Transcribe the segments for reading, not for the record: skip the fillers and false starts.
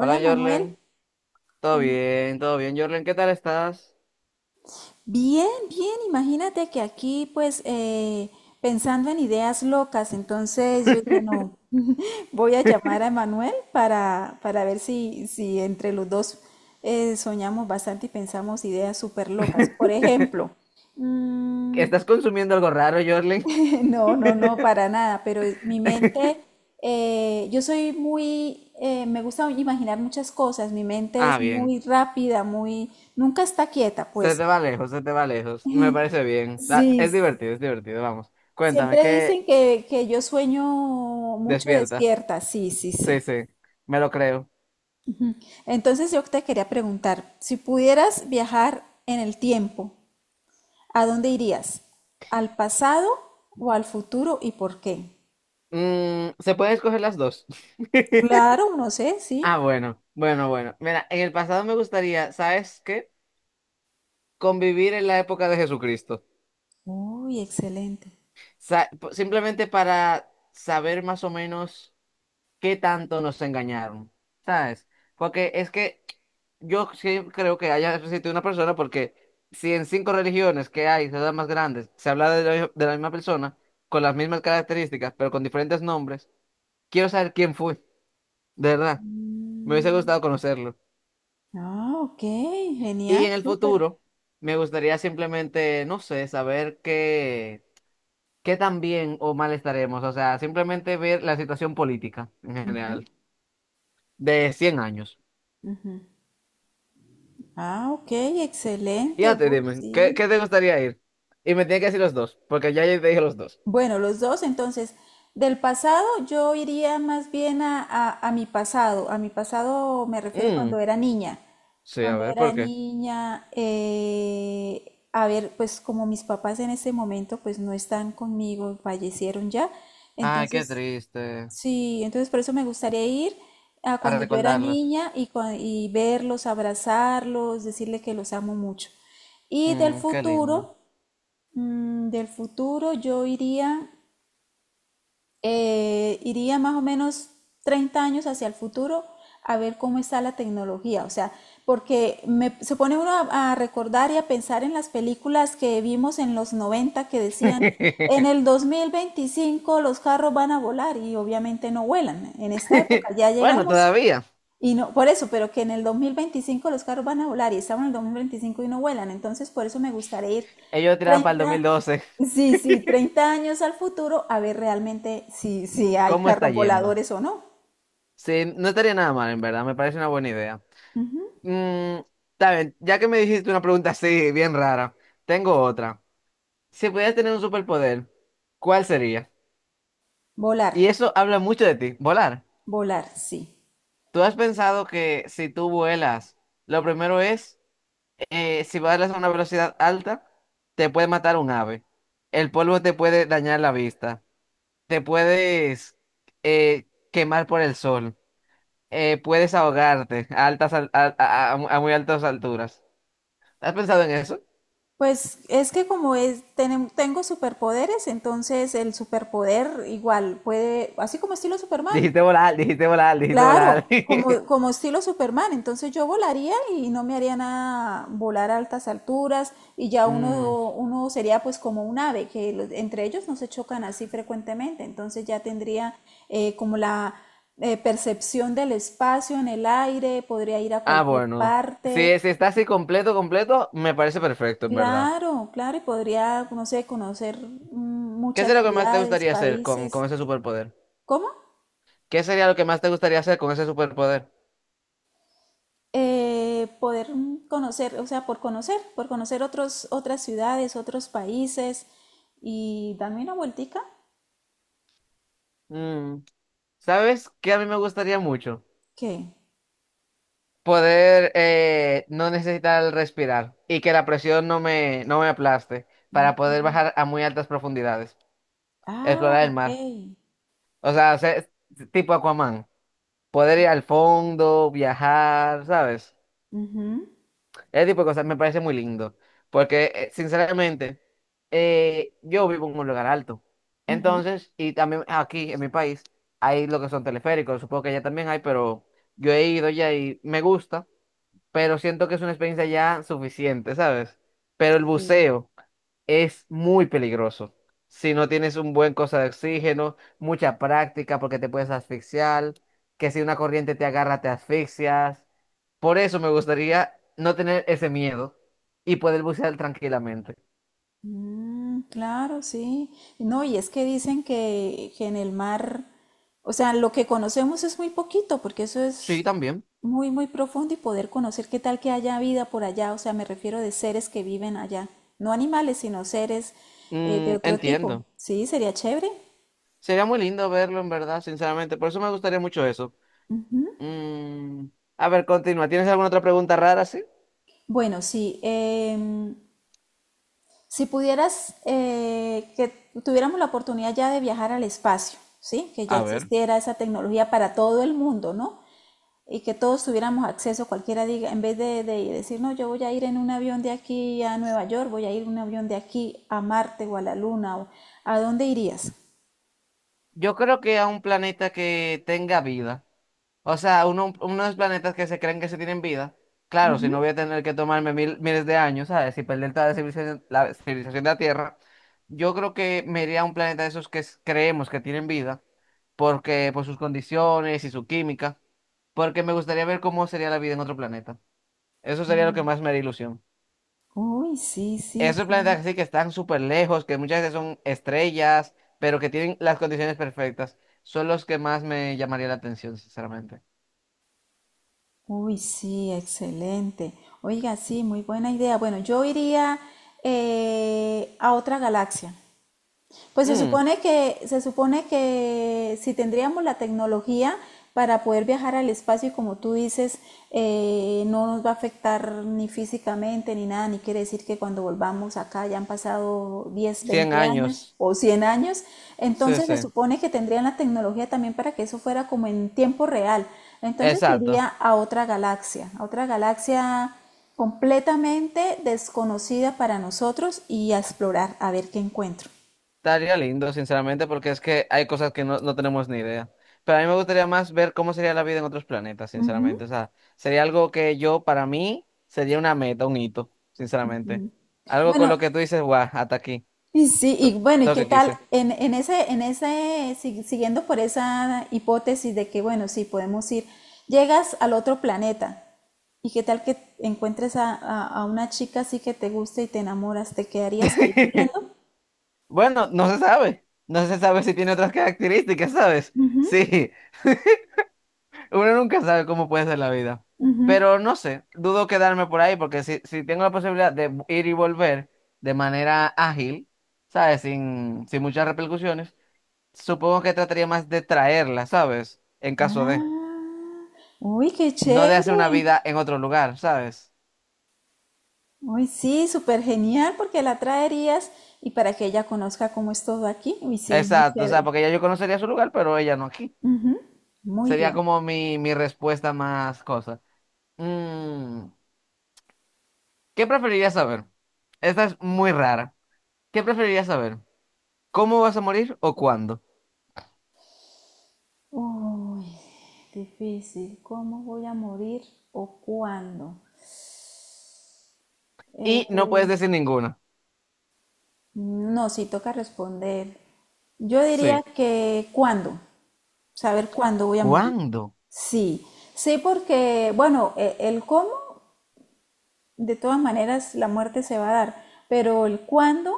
Hola Manuel, Jorlen, todo ¿cómo? bien, todo bien. Jorlen, ¿qué tal estás? Bien, bien, imagínate que aquí pues pensando en ideas locas, entonces yo dije, no, voy a llamar a Manuel para ver si entre los dos soñamos bastante y pensamos ideas súper locas. Por ejemplo, mm, ¿Estás consumiendo algo raro, Jorlen? no, no, no, para nada, pero mi mente, yo soy muy, me gusta imaginar muchas cosas, mi mente Ah, es bien. muy rápida, muy, nunca está quieta, Se pues. te va lejos, se te va lejos. Me parece bien. Sí, Es divertido, es divertido, vamos. Cuéntame, siempre ¿qué dicen que yo sueño mucho despierta? despierta, sí, sí, Sí, sí. sí, me lo creo. Entonces yo te quería preguntar, si pudieras viajar en el tiempo, ¿a dónde irías? ¿Al pasado o al futuro y por qué? ¿Se pueden escoger las dos? Claro, no sé, sí. Ah, bueno, bueno, bueno. Mira, en el pasado me gustaría, ¿sabes qué? Convivir en la época de Jesucristo. Uy, excelente. Simplemente para saber más o menos. Qué tanto nos engañaron, ¿sabes? Porque es que yo sí creo que haya existido una persona porque si en cinco religiones que hay, ciudades más grandes, se habla de la misma persona, con las mismas características, pero con diferentes nombres, quiero saber quién fue, de verdad. Me hubiese Mm, gustado conocerlo. Ah, ok, Y genial, en el súper. futuro, me gustaría simplemente, no sé, saber qué, qué tan bien o mal estaremos. O sea, simplemente ver la situación política en Ujú, general de 100 años. ujú. Ah, ok, Y excelente, ya te uy, dime, ¿qué, sí. qué te gustaría ir? Y me tienes que decir los dos, porque ya yo te dije los dos. Bueno, los dos, entonces, del pasado yo iría más bien a mi pasado. A mi pasado me refiero cuando Mm, era niña. sí, a Cuando ver, era ¿por qué? niña, a ver, pues como mis papás en ese momento pues no están conmigo, fallecieron ya. Ay, qué Entonces, triste. sí, entonces por eso me gustaría ir a A cuando yo era recordarlos. niña y, y verlos, abrazarlos, decirle que los amo mucho. Y del Mm, qué lindo. futuro, yo iría más o menos 30 años hacia el futuro a ver cómo está la tecnología. O sea, porque se pone uno a recordar y a pensar en las películas que vimos en los 90 que decían, en el 2025 los carros van a volar y obviamente no vuelan. En esta época ya Bueno, llegamos todavía. y no, por eso, pero que en el 2025 los carros van a volar y estamos en el 2025 y no vuelan. Entonces, por eso me gustaría ir Ellos tiran para el dos mil 30 doce sí, sí, 30 años al futuro a ver realmente si hay ¿Cómo está carros yendo? voladores o no. Sí, no estaría nada mal, en verdad. Me parece una buena idea. Mm, Está bien, ya que me dijiste una pregunta así, bien rara, tengo otra. Si pudieras tener un superpoder, ¿cuál sería? Volar, Y eso habla mucho de ti, volar. volar, sí. ¿Tú has pensado que si tú vuelas, lo primero es, si vuelas a una velocidad alta, te puede matar un ave. El polvo te puede dañar la vista. Te puedes quemar por el sol. Puedes ahogarte a altas, a muy altas alturas. ¿Has pensado en eso? Pues es que como es, tengo superpoderes, entonces el superpoder igual puede, así como estilo Superman, Dijiste volar, dijiste volar, dijiste volar. claro, como estilo Superman, entonces yo volaría y no me haría nada volar a altas alturas y ya Mm. uno sería pues como un ave, que entre ellos no se chocan así frecuentemente, entonces ya tendría como la percepción del espacio en el aire, podría ir a Ah, cualquier bueno. parte, Si, si está así completo, completo, me parece perfecto, en verdad. claro, claro, y podría, no sé, conocer ¿Qué es muchas lo que más te ciudades, gustaría hacer con países. ese superpoder? ¿Cómo? ¿Qué sería lo que más te gustaría hacer con ese superpoder? Poder conocer, o sea, por conocer, otros, otras ciudades, otros países y darme una vueltica. Mm, ¿Sabes qué a mí me gustaría mucho? ¿Qué? Poder no necesitar respirar y que la presión no me aplaste para poder Mm, bajar a muy altas profundidades, ah, explorar el ok. mar. O sea, ser tipo Aquaman, poder ir al fondo, viajar, ¿sabes? Ujú, Ese tipo de cosas me parece muy lindo, porque sinceramente yo vivo en un lugar alto. ujú, Entonces, y también aquí en mi país hay lo que son teleféricos, supongo que allá también hay, pero yo he ido ya y me gusta, pero siento que es una experiencia ya suficiente, ¿sabes? Pero el sí. buceo es muy peligroso. Si no tienes un buen cosa de oxígeno, mucha práctica porque te puedes asfixiar, que si una corriente te agarra te asfixias. Por eso me gustaría no tener ese miedo y poder bucear tranquilamente. Mm, claro, sí. No, y es que dicen que en el mar, o sea, lo que conocemos es muy poquito, porque eso Sí, es también. muy, muy profundo y poder conocer qué tal que haya vida por allá, o sea, me refiero de seres que viven allá, no animales, sino seres de Mm, otro tipo. entiendo. Sí, sería chévere. Sería muy lindo verlo, en verdad, sinceramente. Por eso me gustaría mucho eso. Mm, a ver, continúa. ¿Tienes alguna otra pregunta rara, sí? Bueno, sí, si pudieras, que tuviéramos la oportunidad ya de viajar al espacio, ¿sí? Que ya A ver. existiera esa tecnología para todo el mundo, ¿no? Y que todos tuviéramos acceso, cualquiera diga, en vez de decir, no, yo voy a ir en un avión de aquí a Nueva York, voy a ir en un avión de aquí a Marte o a la Luna, o, ¿a dónde irías? Yo creo que a un planeta que tenga vida. O sea, unos planetas que se creen que se tienen vida. Claro, si no voy a tener que tomarme mil, miles de años, ¿sabes? Y perder toda la civilización de la Tierra. Yo creo que me iría a un planeta de esos creemos que tienen vida, porque por sus condiciones y su química, porque me gustaría ver cómo sería la vida en otro planeta. Eso sería lo que Mm. más me haría ilusión. Uy, sí, sí, Esos sí. planetas así que están súper lejos, que muchas veces son estrellas, pero que tienen las condiciones perfectas, son los que más me llamaría la atención, sinceramente. Uy, sí, excelente. Oiga, sí, muy buena idea. Bueno, yo iría a otra galaxia. Pues se Mm, supone que, se supone que si tendríamos la tecnología para poder viajar al espacio y como tú dices, no nos va a afectar ni físicamente ni nada, ni quiere decir que cuando volvamos acá ya han pasado 10 100 veinte años años. o 100 años, Sí, entonces se sí, supone que tendrían la tecnología también para que eso fuera como en tiempo real, entonces iría exacto. A otra galaxia completamente desconocida para nosotros y a explorar, a ver qué encuentro. Estaría lindo, sinceramente, porque es que hay cosas que no, no tenemos ni idea. Pero a mí me gustaría más ver cómo sería la vida en otros planetas, sinceramente. O sea, sería algo que yo, para mí, sería una meta, un hito, sinceramente. Algo con Bueno, lo que tú dices, guau, hasta aquí. y sí, y To- bueno, ¿y Todo lo qué que tal? quise. En ese, siguiendo por esa hipótesis de que, bueno, sí, podemos ir, llegas al otro planeta, ¿y qué tal que encuentres a una chica así que te guste y te enamoras? ¿Te quedarías ahí viviendo? Bueno, no se sabe. No se sabe si tiene otras características, ¿sabes? Sí. Uno nunca sabe cómo puede ser la vida. Pero no sé, dudo quedarme por ahí porque si, si tengo la posibilidad de ir y volver de manera ágil, ¿sabes? Sin muchas repercusiones, supongo que trataría más de traerla, ¿sabes? En caso de, Ah, uy, qué no de hacer chévere. una vida en otro lugar, ¿sabes? Uy, sí, súper genial, porque la traerías y para que ella conozca cómo es todo aquí. Uy, sí, muy Exacto, o sea, chévere. porque ya yo conocería su lugar, pero ella no aquí. Ujú, muy Sería bien. como mi respuesta más cosa. Mm, ¿Qué preferirías saber? Esta es muy rara. ¿Qué preferirías saber? ¿Cómo vas a morir o cuándo? Uy, difícil. ¿Cómo voy a morir o cuándo? Y no puedes Eh, decir ninguno. no, sí toca responder. Yo diría Sí. que cuándo, saber cuándo voy a morir. ¿Cuándo? Sí, sí, porque, bueno, el cómo de todas maneras la muerte se va a dar, pero el cuándo,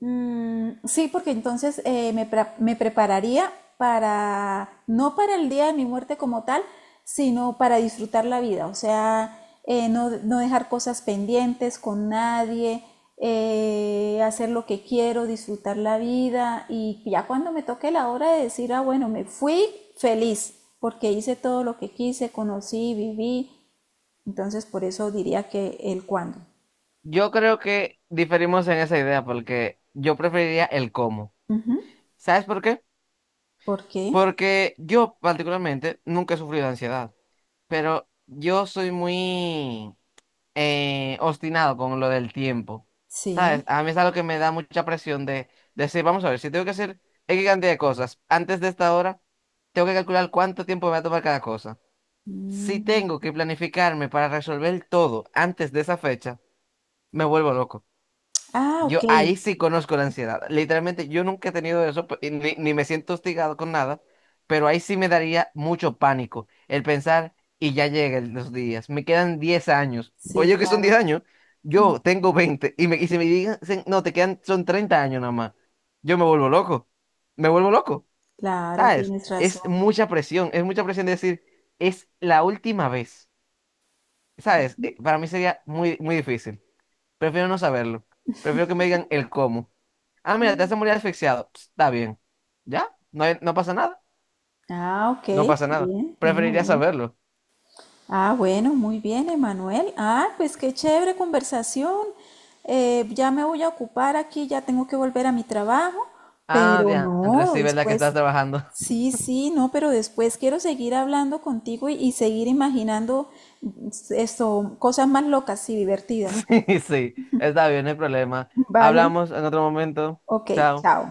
mm, sí, porque entonces me prepararía para, no para el día de mi muerte como tal, sino para disfrutar la vida, o sea, no, no dejar cosas pendientes con nadie, hacer lo que quiero, disfrutar la vida y ya cuando me toque la hora de decir, ah, bueno, me fui feliz porque hice todo lo que quise, conocí, viví, entonces, por eso diría que el cuándo. Yo creo que diferimos en esa idea porque yo preferiría el cómo. ¿Sabes por qué? ¿Por qué? Porque yo particularmente nunca he sufrido de ansiedad, pero yo soy muy obstinado con lo del tiempo. Sí. ¿Sabes? A mí es algo que me da mucha presión de decir, vamos a ver, si tengo que hacer X cantidad de cosas antes de esta hora, tengo que calcular cuánto tiempo me va a tomar cada cosa. Si Mm. tengo que planificarme para resolver todo antes de esa fecha, me vuelvo loco. Ah, ok. Yo ahí sí conozco la ansiedad. Literalmente, yo nunca he tenido eso, y ni me siento hostigado con nada, pero ahí sí me daría mucho pánico el pensar, y ya llegan los días, me quedan 10 años. Sí, Oye, que son 10 claro. años, yo tengo 20 y, y si me digan, no, te quedan, son 30 años nada más, yo me vuelvo loco, Claro, ¿sabes? tienes razón. Es mucha presión de decir, es la última vez. ¿Sabes? Para mí sería muy, muy difícil. Prefiero no saberlo. Prefiero que me digan el cómo. Ah, mira, te hace morir asfixiado. Ps, está bien. ¿Ya? ¿No, hay- no pasa nada? Ah, No ok. pasa nada. Bien. Muy, Preferiría muy. saberlo. Ah, bueno, muy bien, Emanuel. Ah, pues qué chévere conversación. Ya me voy a ocupar aquí, ya tengo que volver a mi trabajo, Ah, pero diantre, no, sí, ¿verdad que estás después, trabajando? sí, sí, no, pero después quiero seguir hablando contigo y seguir imaginando esto, cosas más locas y divertidas. Sí, sí. Está bien, no hay problema. Vale, Hablamos en otro momento. ok, Chao. chao.